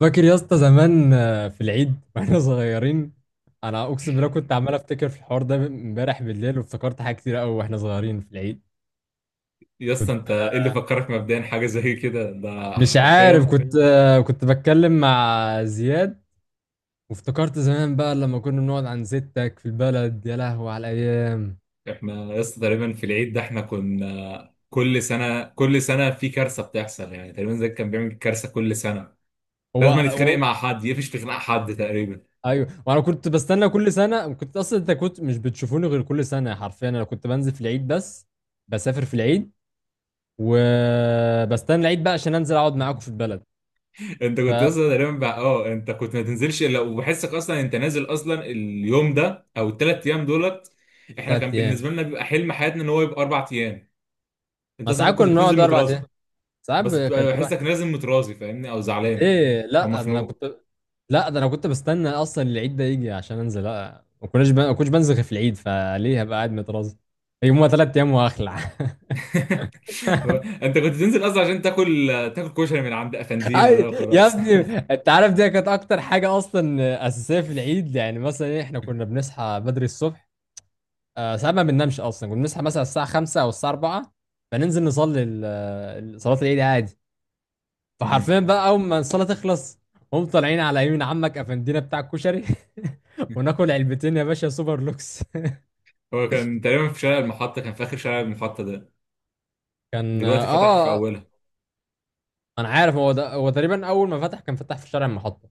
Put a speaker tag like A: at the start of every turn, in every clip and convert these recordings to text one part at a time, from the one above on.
A: فاكر يا اسطى زمان في العيد واحنا صغيرين. انا اقسم بالله كنت عمال افتكر في الحوار ده امبارح بالليل، وافتكرت حاجات كتير قوي واحنا صغيرين في العيد.
B: يا اسطى
A: كنت
B: انت ايه اللي فكرك مبدئيا حاجه زي كده؟ ده
A: مش عارف،
B: حرفيا
A: كنت كنت بتكلم مع زياد، وافتكرت زمان بقى لما كنا بنقعد عند ستك في البلد. يا لهوي على الايام.
B: احنا يا اسطى تقريبا في العيد ده احنا كنا كل سنه كل سنه في كارثه بتحصل، يعني تقريبا زي كان بيعمل كارثه كل سنه.
A: هو
B: لازم نتخانق
A: هو-
B: مع حد، يقفش في خناق حد تقريبا.
A: ايوه، وانا كنت بستنى كل سنه. كنت اصلا، انت كنت مش بتشوفوني غير كل سنه حرفيا. انا كنت بنزل في العيد بس، بسافر في العيد، وبستنى العيد بقى عشان انزل اقعد معاكم في البلد.
B: انت كنت
A: فتلات
B: اصلا تقريبا بقى اه انت كنت ما تنزلش الا وبحسك اصلا انت نازل اصلا اليوم ده او الثلاث ايام دولت. احنا كان
A: ايام.
B: بالنسبه لنا بيبقى حلم حياتنا ان هو يبقى اربع ايام. انت
A: ما
B: اصلا
A: ساعات
B: كنت
A: كنا
B: بتنزل
A: بنقعد اربع
B: متراضي،
A: ايام.
B: بس
A: كان
B: بتبقى
A: بيبقى.
B: بحسك نازل متراضي، فاهمني؟ او زعلان
A: ليه
B: او
A: لا؟ ده انا
B: مخنوق.
A: كنت، لا ده انا كنت بستنى اصلا العيد ده يجي عشان انزل. لا، ما كناش ما كنتش بنزل غير في العيد، فليه هبقى قاعد متراز؟ يوم، ثلاث ايام، وهخلع.
B: هو انت كنت تنزل اصلا عشان تاكل، تاكل كشري من عند افندينا ده
A: يا
B: وخلاص.
A: ابني، انت عارف دي كانت اكتر حاجه اصلا اساسيه في العيد. يعني مثلا إيه، احنا كنا بنصحى بدري الصبح، ساعات ما بننامش اصلا. كنا بنصحى مثلا الساعه 5 او الساعه 4، فننزل نصلي صلاه العيد عادي.
B: مم.
A: فحرفيا بقى اول ما الصلاه تخلص، هم طالعين على يمين عمك افندينا بتاع الكشري وناكل علبتين يا باشا سوبر لوكس.
B: هو كان تقريبا في شارع المحطة، كان في آخر شارع المحطة ده.
A: كان
B: دلوقتي فتح في
A: اه.
B: أولها.
A: انا عارف، هو ده. هو تقريبا اول ما فتح كان فتح في شارع المحطه.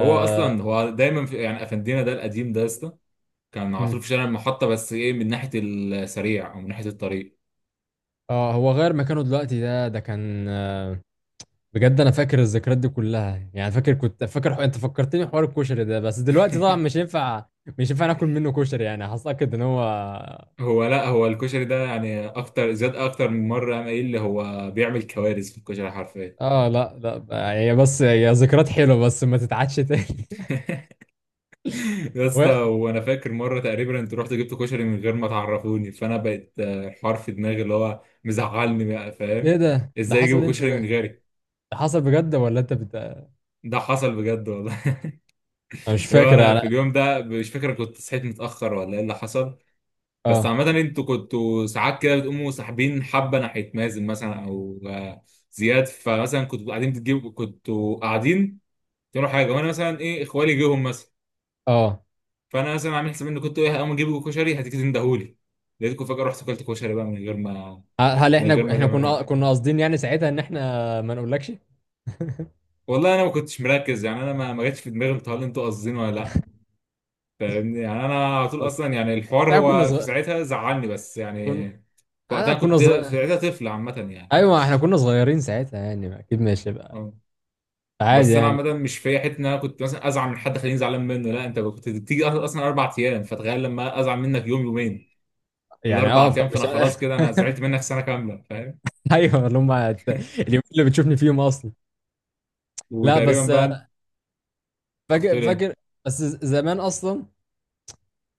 B: هو أصلا هو دايما في، يعني أفندينا ده القديم ده يا اسطى، كان على طول في
A: مم.
B: شارع المحطة، بس إيه، من ناحية السريع أو من ناحية الطريق.
A: هو غير مكانه دلوقتي. ده ده كان بجد انا فاكر الذكريات دي كلها، يعني فاكر. كنت فاكر انت فكرتني حوار الكشري ده، بس دلوقتي طبعا مش ينفع. مش ينفع ناكل منه كشري، يعني هتأكد ان هو.
B: هو لا، هو الكشري ده يعني أكتر زاد أكتر من مرة قام قايل لي هو بيعمل كوارث في الكشري حرفيا.
A: اه لا لا، هي بس هي ذكريات حلوه، بس ما تتعادش تاني.
B: يا اسطى
A: و-،
B: وانا فاكر مره تقريبا انت رحت جبت كشري من غير ما تعرفوني، فانا بقيت الحوار في دماغي اللي هو مزعلني، بقى
A: ايه
B: فاهم؟
A: ده؟ ده
B: ازاي
A: حصل
B: يجيبوا
A: امتى
B: كشري
A: ده؟
B: من غيري؟
A: ده حصل بجد ولا انت انا
B: ده حصل بجد والله.
A: مش
B: اللي هو
A: فاكر
B: انا
A: انا.
B: في اليوم ده مش فاكر كنت صحيت متاخر ولا ايه اللي حصل، بس
A: اه
B: عامه انتوا كنتوا ساعات كده بتقوموا ساحبين حبه ناحيه مازن مثلا او زياد، فمثلا كنتوا قاعدين بتجيبوا، كنتوا قاعدين تعملوا حاجه، وانا مثلا ايه، اخوالي جيهم مثلا،
A: اه.
B: فانا مثلا عامل حساب ان كنت ايه هقوم اجيب كشري، هتندهولي. لقيتكم فجاه، رحت كلت كشري بقى من غير ما،
A: هل
B: من غير
A: احنا،
B: ما
A: احنا
B: تعمل
A: كنا
B: حاجه.
A: كنا قاصدين يعني ساعتها ان احنا ما نقولكش؟
B: والله انا ما كنتش مركز، يعني انا ما جاتش في دماغي انتوا، هل انتوا قاصدين ولا لا، فاهمني؟ يعني انا على طول
A: بس
B: اصلا يعني الحوار
A: احنا كنا
B: هو في
A: صغير،
B: ساعتها زعلني، بس يعني
A: كنا،
B: في
A: انا
B: وقتها
A: كنا
B: كنت، في
A: صغير.
B: ساعتها طفل عامه يعني.
A: ايوه احنا كنا صغيرين ساعتها يعني، اكيد ماشي بقى،
B: اه،
A: عادي
B: بس انا
A: يعني.
B: عامه مش في حته ان انا كنت مثلا ازعل من حد خليني زعلان منه، لا، انت كنت بتيجي اصلا اربع ايام، فتخيل لما ازعل منك يوم، يومين،
A: يعني اه
B: الاربع ايام، فانا
A: فمش
B: خلاص كده انا زعلت منك سنه كامله، فاهم؟
A: ايوه، اللي هم اليومين اللي بتشوفني فيهم اصلا. لا
B: وتقريبا
A: بس
B: بقى كنت
A: فاكر
B: بتقول ايه.
A: فاكر بس زمان اصلا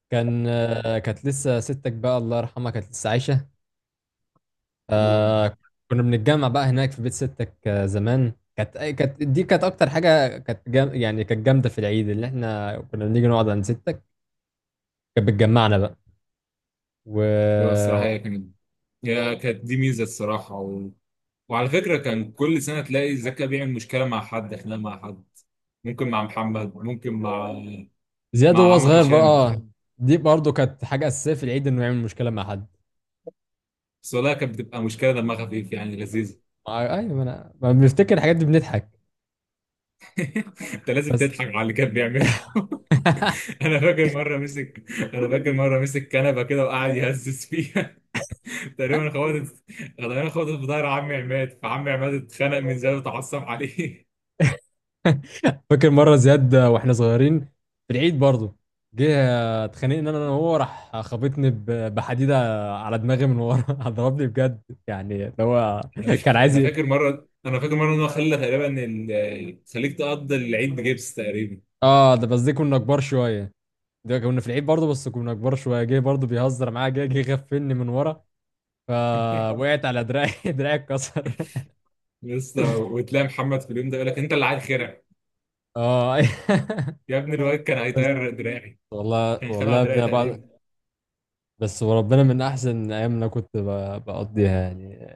A: كان، كانت لسه ستك بقى الله يرحمها، كانت لسه عايشه.
B: اه،
A: آه. كنا بنتجمع بقى هناك في بيت ستك. آه زمان كانت كانت دي، كانت اكتر حاجه، كانت جام، يعني كانت جامده في العيد، اللي احنا كنا بنيجي نقعد عند ستك، كانت بتجمعنا بقى،
B: هو الصراحة
A: وزياد
B: هي كانت، هي كانت دي ميزة الصراحة و... وعلى فكرة كان كل سنة تلاقي زكا بيعمل مشكلة مع حد، خناقة مع حد، ممكن مع محمد، ممكن مع، مع
A: وهو
B: عمك
A: صغير
B: هشام.
A: بقى. دي برضه كانت حاجه اساسيه في العيد، انه يعمل مشكله مع حد.
B: بس والله كانت بتبقى مشكلة دمها خفيف، يعني لذيذة.
A: ايوه، ما انا ما بنفتكر الحاجات دي بنضحك.
B: انت لازم
A: بس
B: تضحك على اللي كان بيعمله. انا فاكر مرة مسك كنبة كده وقعد يهزز فيها. تقريبا خبطت تقريبا خبطت في ظهر عمي عماد، فعمي عماد اتخنق من زي وتعصب عليه.
A: فاكر مره زياد واحنا صغيرين في العيد برضه، جه اتخانقنا انا، أنا وهو، راح خبطني بحديده على دماغي من ورا ضربني بجد يعني اللي هو
B: انا مش
A: كان عايز
B: انا
A: ي-
B: فاكر مره انا فاكر مره ان هو خلى تقريبا خليك تقضي العيد بجبس تقريبا.
A: اه ده بس، دي كنا كبار شويه. ده كنا في العيد برضه بس كنا كبار شويه، جه برضه بيهزر معايا، جه غفلني من ورا، فوقعت على دراعي دراعي اتكسر.
B: لسه وتلاقي محمد في اليوم ده يقول لك انت اللي عيل خرع.
A: اه.
B: يا ابني الواد كان
A: بس
B: هيطير دراعي،
A: والله،
B: كان خلع
A: والله يا
B: دراعي
A: ابني.
B: تقريبا.
A: بعد، بس وربنا من احسن ايام اللي أنا كنت بقضيها يعني.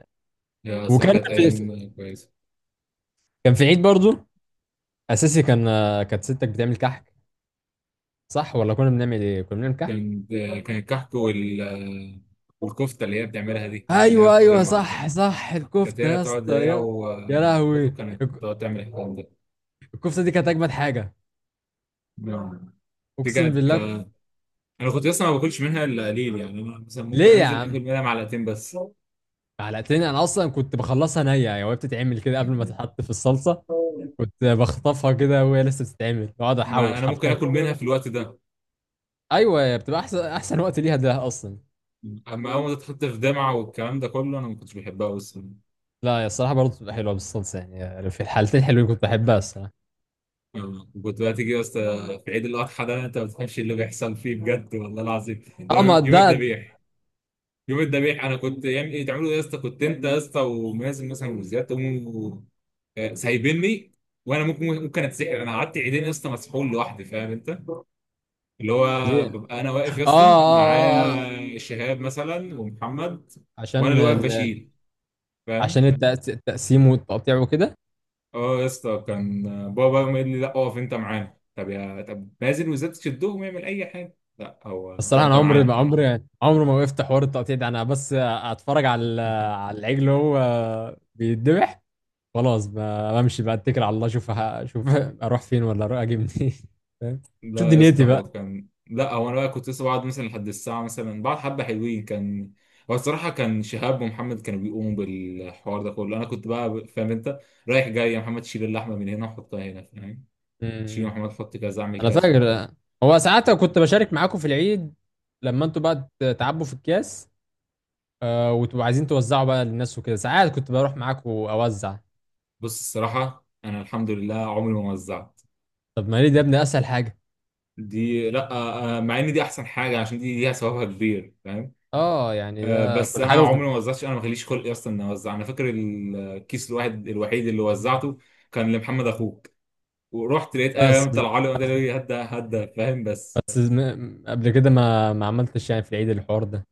B: يا صراحه
A: وكان
B: كانت
A: في،
B: ايام كويسه.
A: كان في عيد برضو اساسي كان، كانت ستك بتعمل كحك. صح ولا كنا بنعمل ايه؟ كنا بنعمل كحك.
B: كان كان الكحك والكفته اللي هي بتعملها دي، اللي هي
A: ايوه
B: في
A: ايوه،
B: الجامعه.
A: صح صح،
B: كانت
A: الكفته
B: هي
A: يا
B: تقعد،
A: اسطى
B: هي
A: يا. يا
B: وبدو
A: لهوي،
B: كانت
A: الك-
B: تقعد تعمل الكلام ده.
A: الكفته دي كانت اجمد حاجه.
B: نعم. دي
A: اقسم
B: كانت
A: بالله ك-
B: انا كنت اصلا ما باكلش منها الا قليل، يعني انا مثلا ممكن
A: ليه يا
B: انزل
A: عم؟
B: اكل منها معلقتين بس.
A: علقتني انا اصلا كنت بخلصها نيه يعني، وهي بتتعمل كده قبل ما تتحط في الصلصه. كنت بخطفها كده وهي لسه بتتعمل، واقعد
B: ما
A: احوش
B: انا ممكن
A: حرفيا.
B: اكل منها في الوقت ده.
A: ايوه بتبقى احسن احسن وقت ليها ده اصلا.
B: اما اول ما تتحط في دمعه والكلام ده كله انا ما كنتش بحبها، بس
A: لا يا الصراحه برضه بتبقى حلوه بالصلصه يعني، في الحالتين حلوين، كنت بحبها الصراحه.
B: كنت بقى تيجي بس. في عيد الاضحى ده انت ما بتفهمش اللي بيحصل فيه بجد والله العظيم. لو
A: اه ما
B: يوم، يوم
A: ده.
B: الذبيح، يوم الذبيح انا كنت يعمل ايه، تعملوا ايه يا اسطى، كنت انت يا اسطى ومازن مثلا وزياد تقوموا سايبيني. وانا ممكن اتسحر، انا قعدت عيدين يا اسطى مسحول لوحدي، فاهم انت؟ اللي هو
A: ليه؟
B: ببقى انا واقف يا
A: اه
B: اسطى،
A: اه آه.
B: معايا شهاب مثلا ومحمد، وانا
A: عشان
B: اللي واقف
A: ال...
B: بشيل،
A: عشان
B: فاهم؟
A: التقسيم والتقطيع وكده.
B: اه يا اسطى، كان بابا يقوم قايل لي لا اقف انت معانا، طب يا طب نازل وزاد تشدهم يعمل اي حاجه، لا هو انت،
A: الصراحه انا
B: انت
A: عمري، ما
B: معانا.
A: عمري، عمري ما وقفت حوار التقطيع ده. انا بس اتفرج على العجل وهو بيتذبح. خلاص ب- بمشي بقى، اتكل على الله اشوف اشوف اروح فين ولا اروح اجي منين؟ فاهم؟ شوف
B: لا يا اسطى،
A: دنيتي بقى.
B: هو كان، لا هو انا بقى كنت لسه بقعد مثلا لحد الساعه مثلا بعد حبه حلوين، كان هو الصراحه كان شهاب ومحمد كانوا بيقوموا بالحوار ده كله، انا كنت بقى فاهم انت، رايح جاي يا محمد شيل اللحمه من هنا وحطها هنا، فاهم؟ شيل يا
A: امم.
B: محمد، حط كذا، اعمل
A: انا
B: كذا.
A: فاكر هو ساعات كنت بشارك معاكم في العيد، لما انتوا بقى تعبوا في الكاس وتبقوا عايزين توزعوا بقى للناس وكده، ساعات كنت بروح معاكم اوزع.
B: بص الصراحه انا الحمد لله عمري ما وزعت.
A: طب ما ليه ده يا ابني؟ اسهل حاجه.
B: دي لا، مع ان دي احسن حاجه عشان دي ليها ثوابها كبير، فاهم؟
A: اه يعني ده
B: بس
A: كنا
B: انا
A: حاجه
B: عمري
A: ممكن.
B: ما وزعتش، انا ما خليش خلقي اصلا اني اوزع. انا فاكر الكيس الواحد الوحيد اللي وزعته كان لمحمد اخوك، ورحت لقيت
A: بس
B: قام طلع لي وقال لي هدى هدى، فاهم؟ بس
A: بس قبل كده، ما ما عملتش يعني في العيد الحوار ده؟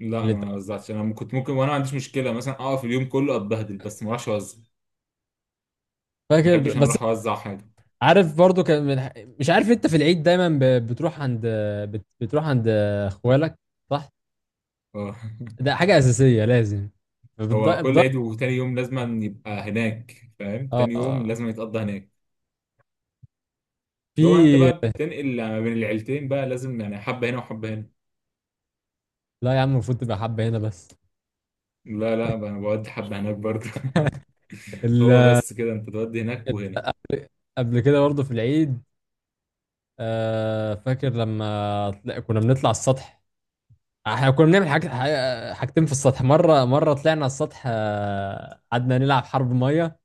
B: لا
A: اللي انت
B: ما وزعتش. انا كنت ممكن وانا ما عنديش مشكله مثلا اقف اليوم كله اتبهدل بس ما اروحش اوزع. ما
A: فاكر.
B: بحبش انا
A: بس
B: اروح اوزع حاجه.
A: عارف برضو كان مش عارف انت في العيد دايما بتروح عند، بتروح عند اخوالك، صح؟
B: آه.
A: ده حاجه اساسيه لازم بتض...
B: هو كل
A: بتض...
B: عيد وتاني يوم لازم يبقى هناك، فاهم؟
A: اه
B: تاني يوم
A: آه.
B: لازم يتقضى هناك. لو انت
A: في،
B: بقى بتنقل ما بين العيلتين بقى لازم يعني حبه هنا وحبه هنا.
A: لا يا عم، المفروض تبقى حبه هنا بس.
B: لا لا بقى، انا بودي حبه هناك برضه.
A: ال...
B: هو بس كده انت تودي هناك وهنا.
A: قبل كده برضو في العيد، آه فاكر لما كنا بنطلع السطح. احنا كنا بنعمل حاجتين في السطح. مرة، مرة طلعنا على السطح، قعدنا نلعب حرب مية.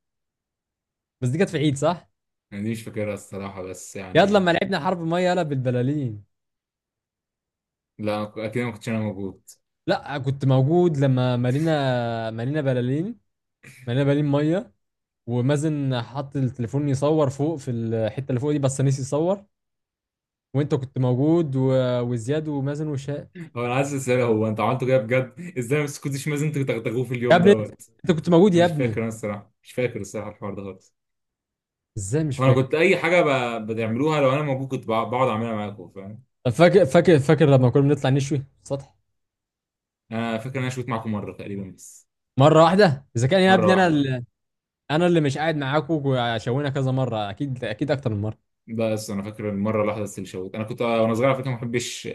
A: بس دي كانت في عيد، صح؟
B: انا دي مش فاكرها الصراحه بس
A: ياد
B: يعني
A: لما لعبنا حرب مية، يلا بالبلالين.
B: لا، أنا اكيد ما كنتش انا موجود.
A: لا كنت موجود لما مالينا، مالينا بلالين، مالينا بلالين مية، ومازن حط التليفون يصور فوق في الحتة اللي فوق دي بس نسي يصور. وانت كنت موجود و... وزياد ومازن وشاء.
B: هو انا عايز اسال، هو انت عملته كده بجد ازاي ما سكتش مازن، انتوا بتغتغوه في
A: يا
B: اليوم
A: ابني
B: دوت.
A: انت كنت موجود
B: انا
A: يا
B: مش فاكر،
A: ابني.
B: انا الصراحه مش فاكر الصراحه الحوار ده خالص.
A: ازاي مش
B: هو انا كنت
A: فاكر؟
B: اي حاجه بتعملوها لو انا موجود كنت بقعد اعملها معاكم، فاهم؟
A: طب فاكر لما كنا بنطلع نشوي في السطح.
B: انا فاكر ان انا شوت معاكم مره تقريبا بس.
A: مرة واحدة اذا كان يا
B: مره
A: ابني، انا
B: واحده.
A: انا اللي مش قاعد معاكم، وشوينا كذا مره، اكيد اكيد اكتر من مره.
B: بس انا فاكر المره الواحده بس اللي شوت. انا كنت وانا صغير على فكره ما بحبش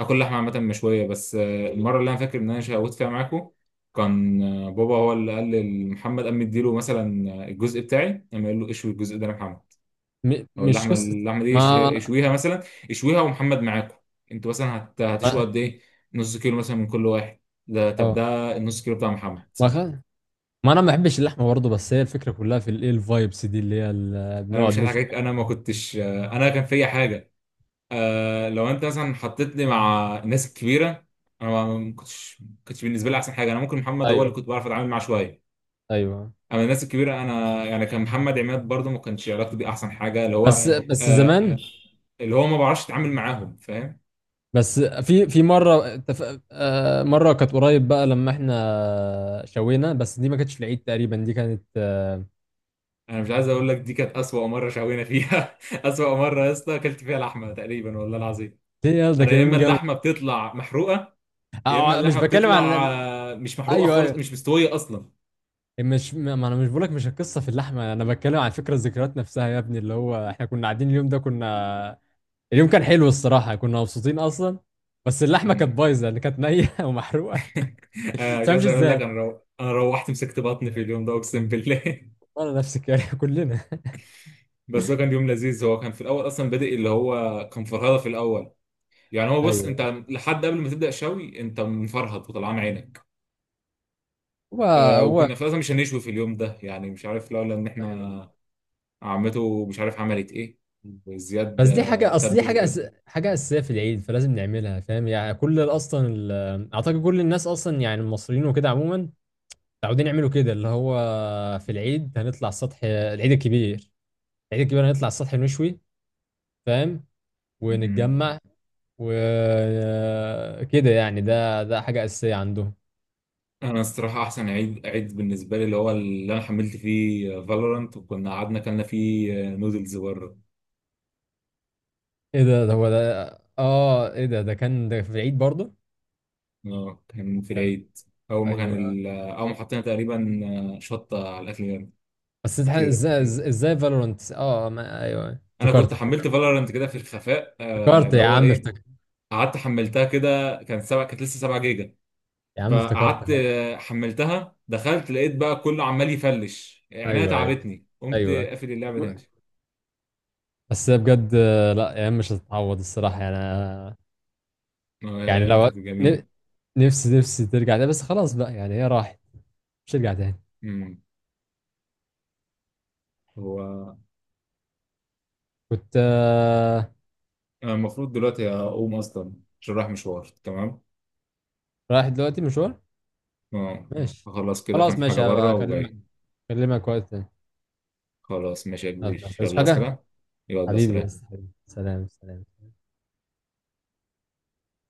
B: اكل لحمه عامه مشويه، بس المره اللي انا فاكر ان انا شوت فيها معاكو كان بابا هو اللي قال لمحمد، قام مديله مثلا الجزء بتاعي، قام قال له اشوي الجزء ده يا محمد، او
A: مش
B: اللحمه،
A: قصه.
B: اللحمه دي
A: ما انا
B: اشويها مثلا، اشويها. ومحمد معاكو انتوا مثلا هتشوي
A: ما-،
B: قد ايه، نص كيلو مثلا من كل واحد، ده طب
A: اه
B: ده النص كيلو بتاع محمد.
A: ما، ما انا ما بحبش اللحمه برضه، بس هي الفكره كلها في الايه، الفايبس دي، اللي هي
B: انا
A: بنقعد
B: مش هضحك
A: نشوي.
B: عليك، انا ما كنتش آه، انا كان فيا حاجه، لو انت مثلا حطيتني مع الناس الكبيره انا ما كنتش بالنسبه لي احسن حاجه. انا ممكن محمد هو اللي
A: ايوه
B: كنت بعرف اتعامل معاه شويه،
A: ايوه.
B: اما الناس الكبيره انا يعني، كان محمد عماد برضه ما كانش علاقتي بيه احسن حاجه، اللي هو
A: بس فاهم، بس
B: آه،
A: زمان.
B: اللي هو ما بعرفش اتعامل معاهم، فاهم؟
A: بس في في مره اتف... آه، مره كانت قريب بقى لما احنا شوينا، بس دي ما كانتش في العيد تقريبا، دي كانت
B: انا مش عايز اقول لك دي كانت اسوأ مره شوينا فيها. اسوأ مره يا اسطى اكلت فيها لحمه تقريبا والله العظيم.
A: دي يلا، ده
B: انا
A: كان
B: يا
A: يوم
B: اما
A: جامد.
B: اللحمه بتطلع محروقه، يا اما
A: مش
B: اللحمه
A: بتكلم
B: بتطلع
A: على.
B: مش محروقه
A: ايوه
B: خالص،
A: ايوه،
B: مش مستويه اصلا.
A: مش ما ما انا مش بقولك، مش القصه في اللحمه، انا بتكلم عن فكره الذكريات نفسها يا ابني، اللي هو احنا كنا قاعدين اليوم ده كنا. اليوم كان حلو الصراحه، كنا مبسوطين اصلا، بس اللحمه كانت
B: أمم.
A: بايظه، اللي كانت نيه ومحروقه. ما
B: انا مش
A: تفهمش
B: عايز اقول لك
A: ازاي.
B: انا انا روحت مسكت بطني في اليوم ده اقسم بالله.
A: والله نفسك يعني كلنا.
B: بس هو كان يوم لذيذ، هو كان في الاول اصلا بادئ اللي هو كان فرهده في الاول، يعني هو بص
A: ايوه،
B: انت لحد قبل ما تبدا شوي انت مفرهد وطلعان عينك.
A: هو
B: آه،
A: هو.
B: وكنا في الأساس مش هنشوي في اليوم ده، يعني مش عارف لولا ان
A: ايوه
B: احنا عمته مش عارف عملت ايه، وزياد
A: بس دي حاجه، اصل دي
B: تبل وكده.
A: حاجه اساسيه في العيد، فلازم نعملها فاهم. يعني اصلا اعتقد كل الناس اصلا يعني المصريين وكده عموما متعودين يعملوا كده، اللي هو في العيد هنطلع السطح. العيد الكبير، العيد الكبير هنطلع السطح نشوي، فاهم،
B: مم.
A: ونتجمع وكده. يعني ده ده حاجة أساسية عندهم.
B: انا الصراحه احسن عيد، عيد بالنسبه لي اللي هو اللي انا حملت فيه فالورانت وكنا قعدنا اكلنا فيه نودلز بره.
A: ايه ده؟ ده هو ده. اه ايه ده؟ ده كان ده في العيد برضه؟
B: اه كان في
A: كان،
B: العيد،
A: ايوه.
B: اول ما حطينا تقريبا شطه على الاكل
A: بس إزاي-
B: كتير.
A: ازاي ازاي فالورانت؟ اه ما ايوه
B: انا
A: افتكرت،
B: كنت حملت فالورانت كده في الخفاء،
A: افتكرت
B: اللي
A: يا
B: هو
A: عم
B: ايه،
A: افتكرت
B: قعدت حملتها كده، كان سبعة، كانت لسه 7 جيجا،
A: يا عم افتكرت
B: فقعدت
A: خلاص.
B: حملتها، دخلت لقيت بقى كله عمال يفلش عينيا،
A: ايوه ايوه
B: تعبتني، قمت
A: ايوه.
B: قافل اللعبة تاني.
A: بس هي بجد لا ايام مش هتتعوض الصراحه، يعني أنا-،
B: يا
A: يعني
B: الأيام
A: لو
B: كانت
A: ن-
B: جميلة.
A: نفسي ترجع تاني، بس خلاص بقى يعني، هي راحت مش هترجع تاني.
B: امم. هو
A: كنت
B: أنا المفروض دلوقتي أقوم أصلا، عشان رايح مشوار. تمام.
A: رايح دلوقتي مشوار؟
B: اه.
A: ماشي.
B: هخلص كده
A: خلاص
B: كام
A: ماشي،
B: حاجة
A: هبقى
B: بره
A: اكلمك،
B: وجاي.
A: اكلمك وقت تاني.
B: خلاص ماشي يا
A: يلا،
B: كبير،
A: عايز
B: يلا. عايز
A: حاجة؟
B: حاجة؟ يلا،
A: حبيبي،
B: سلام.
A: بس حبيبي سلام سلام.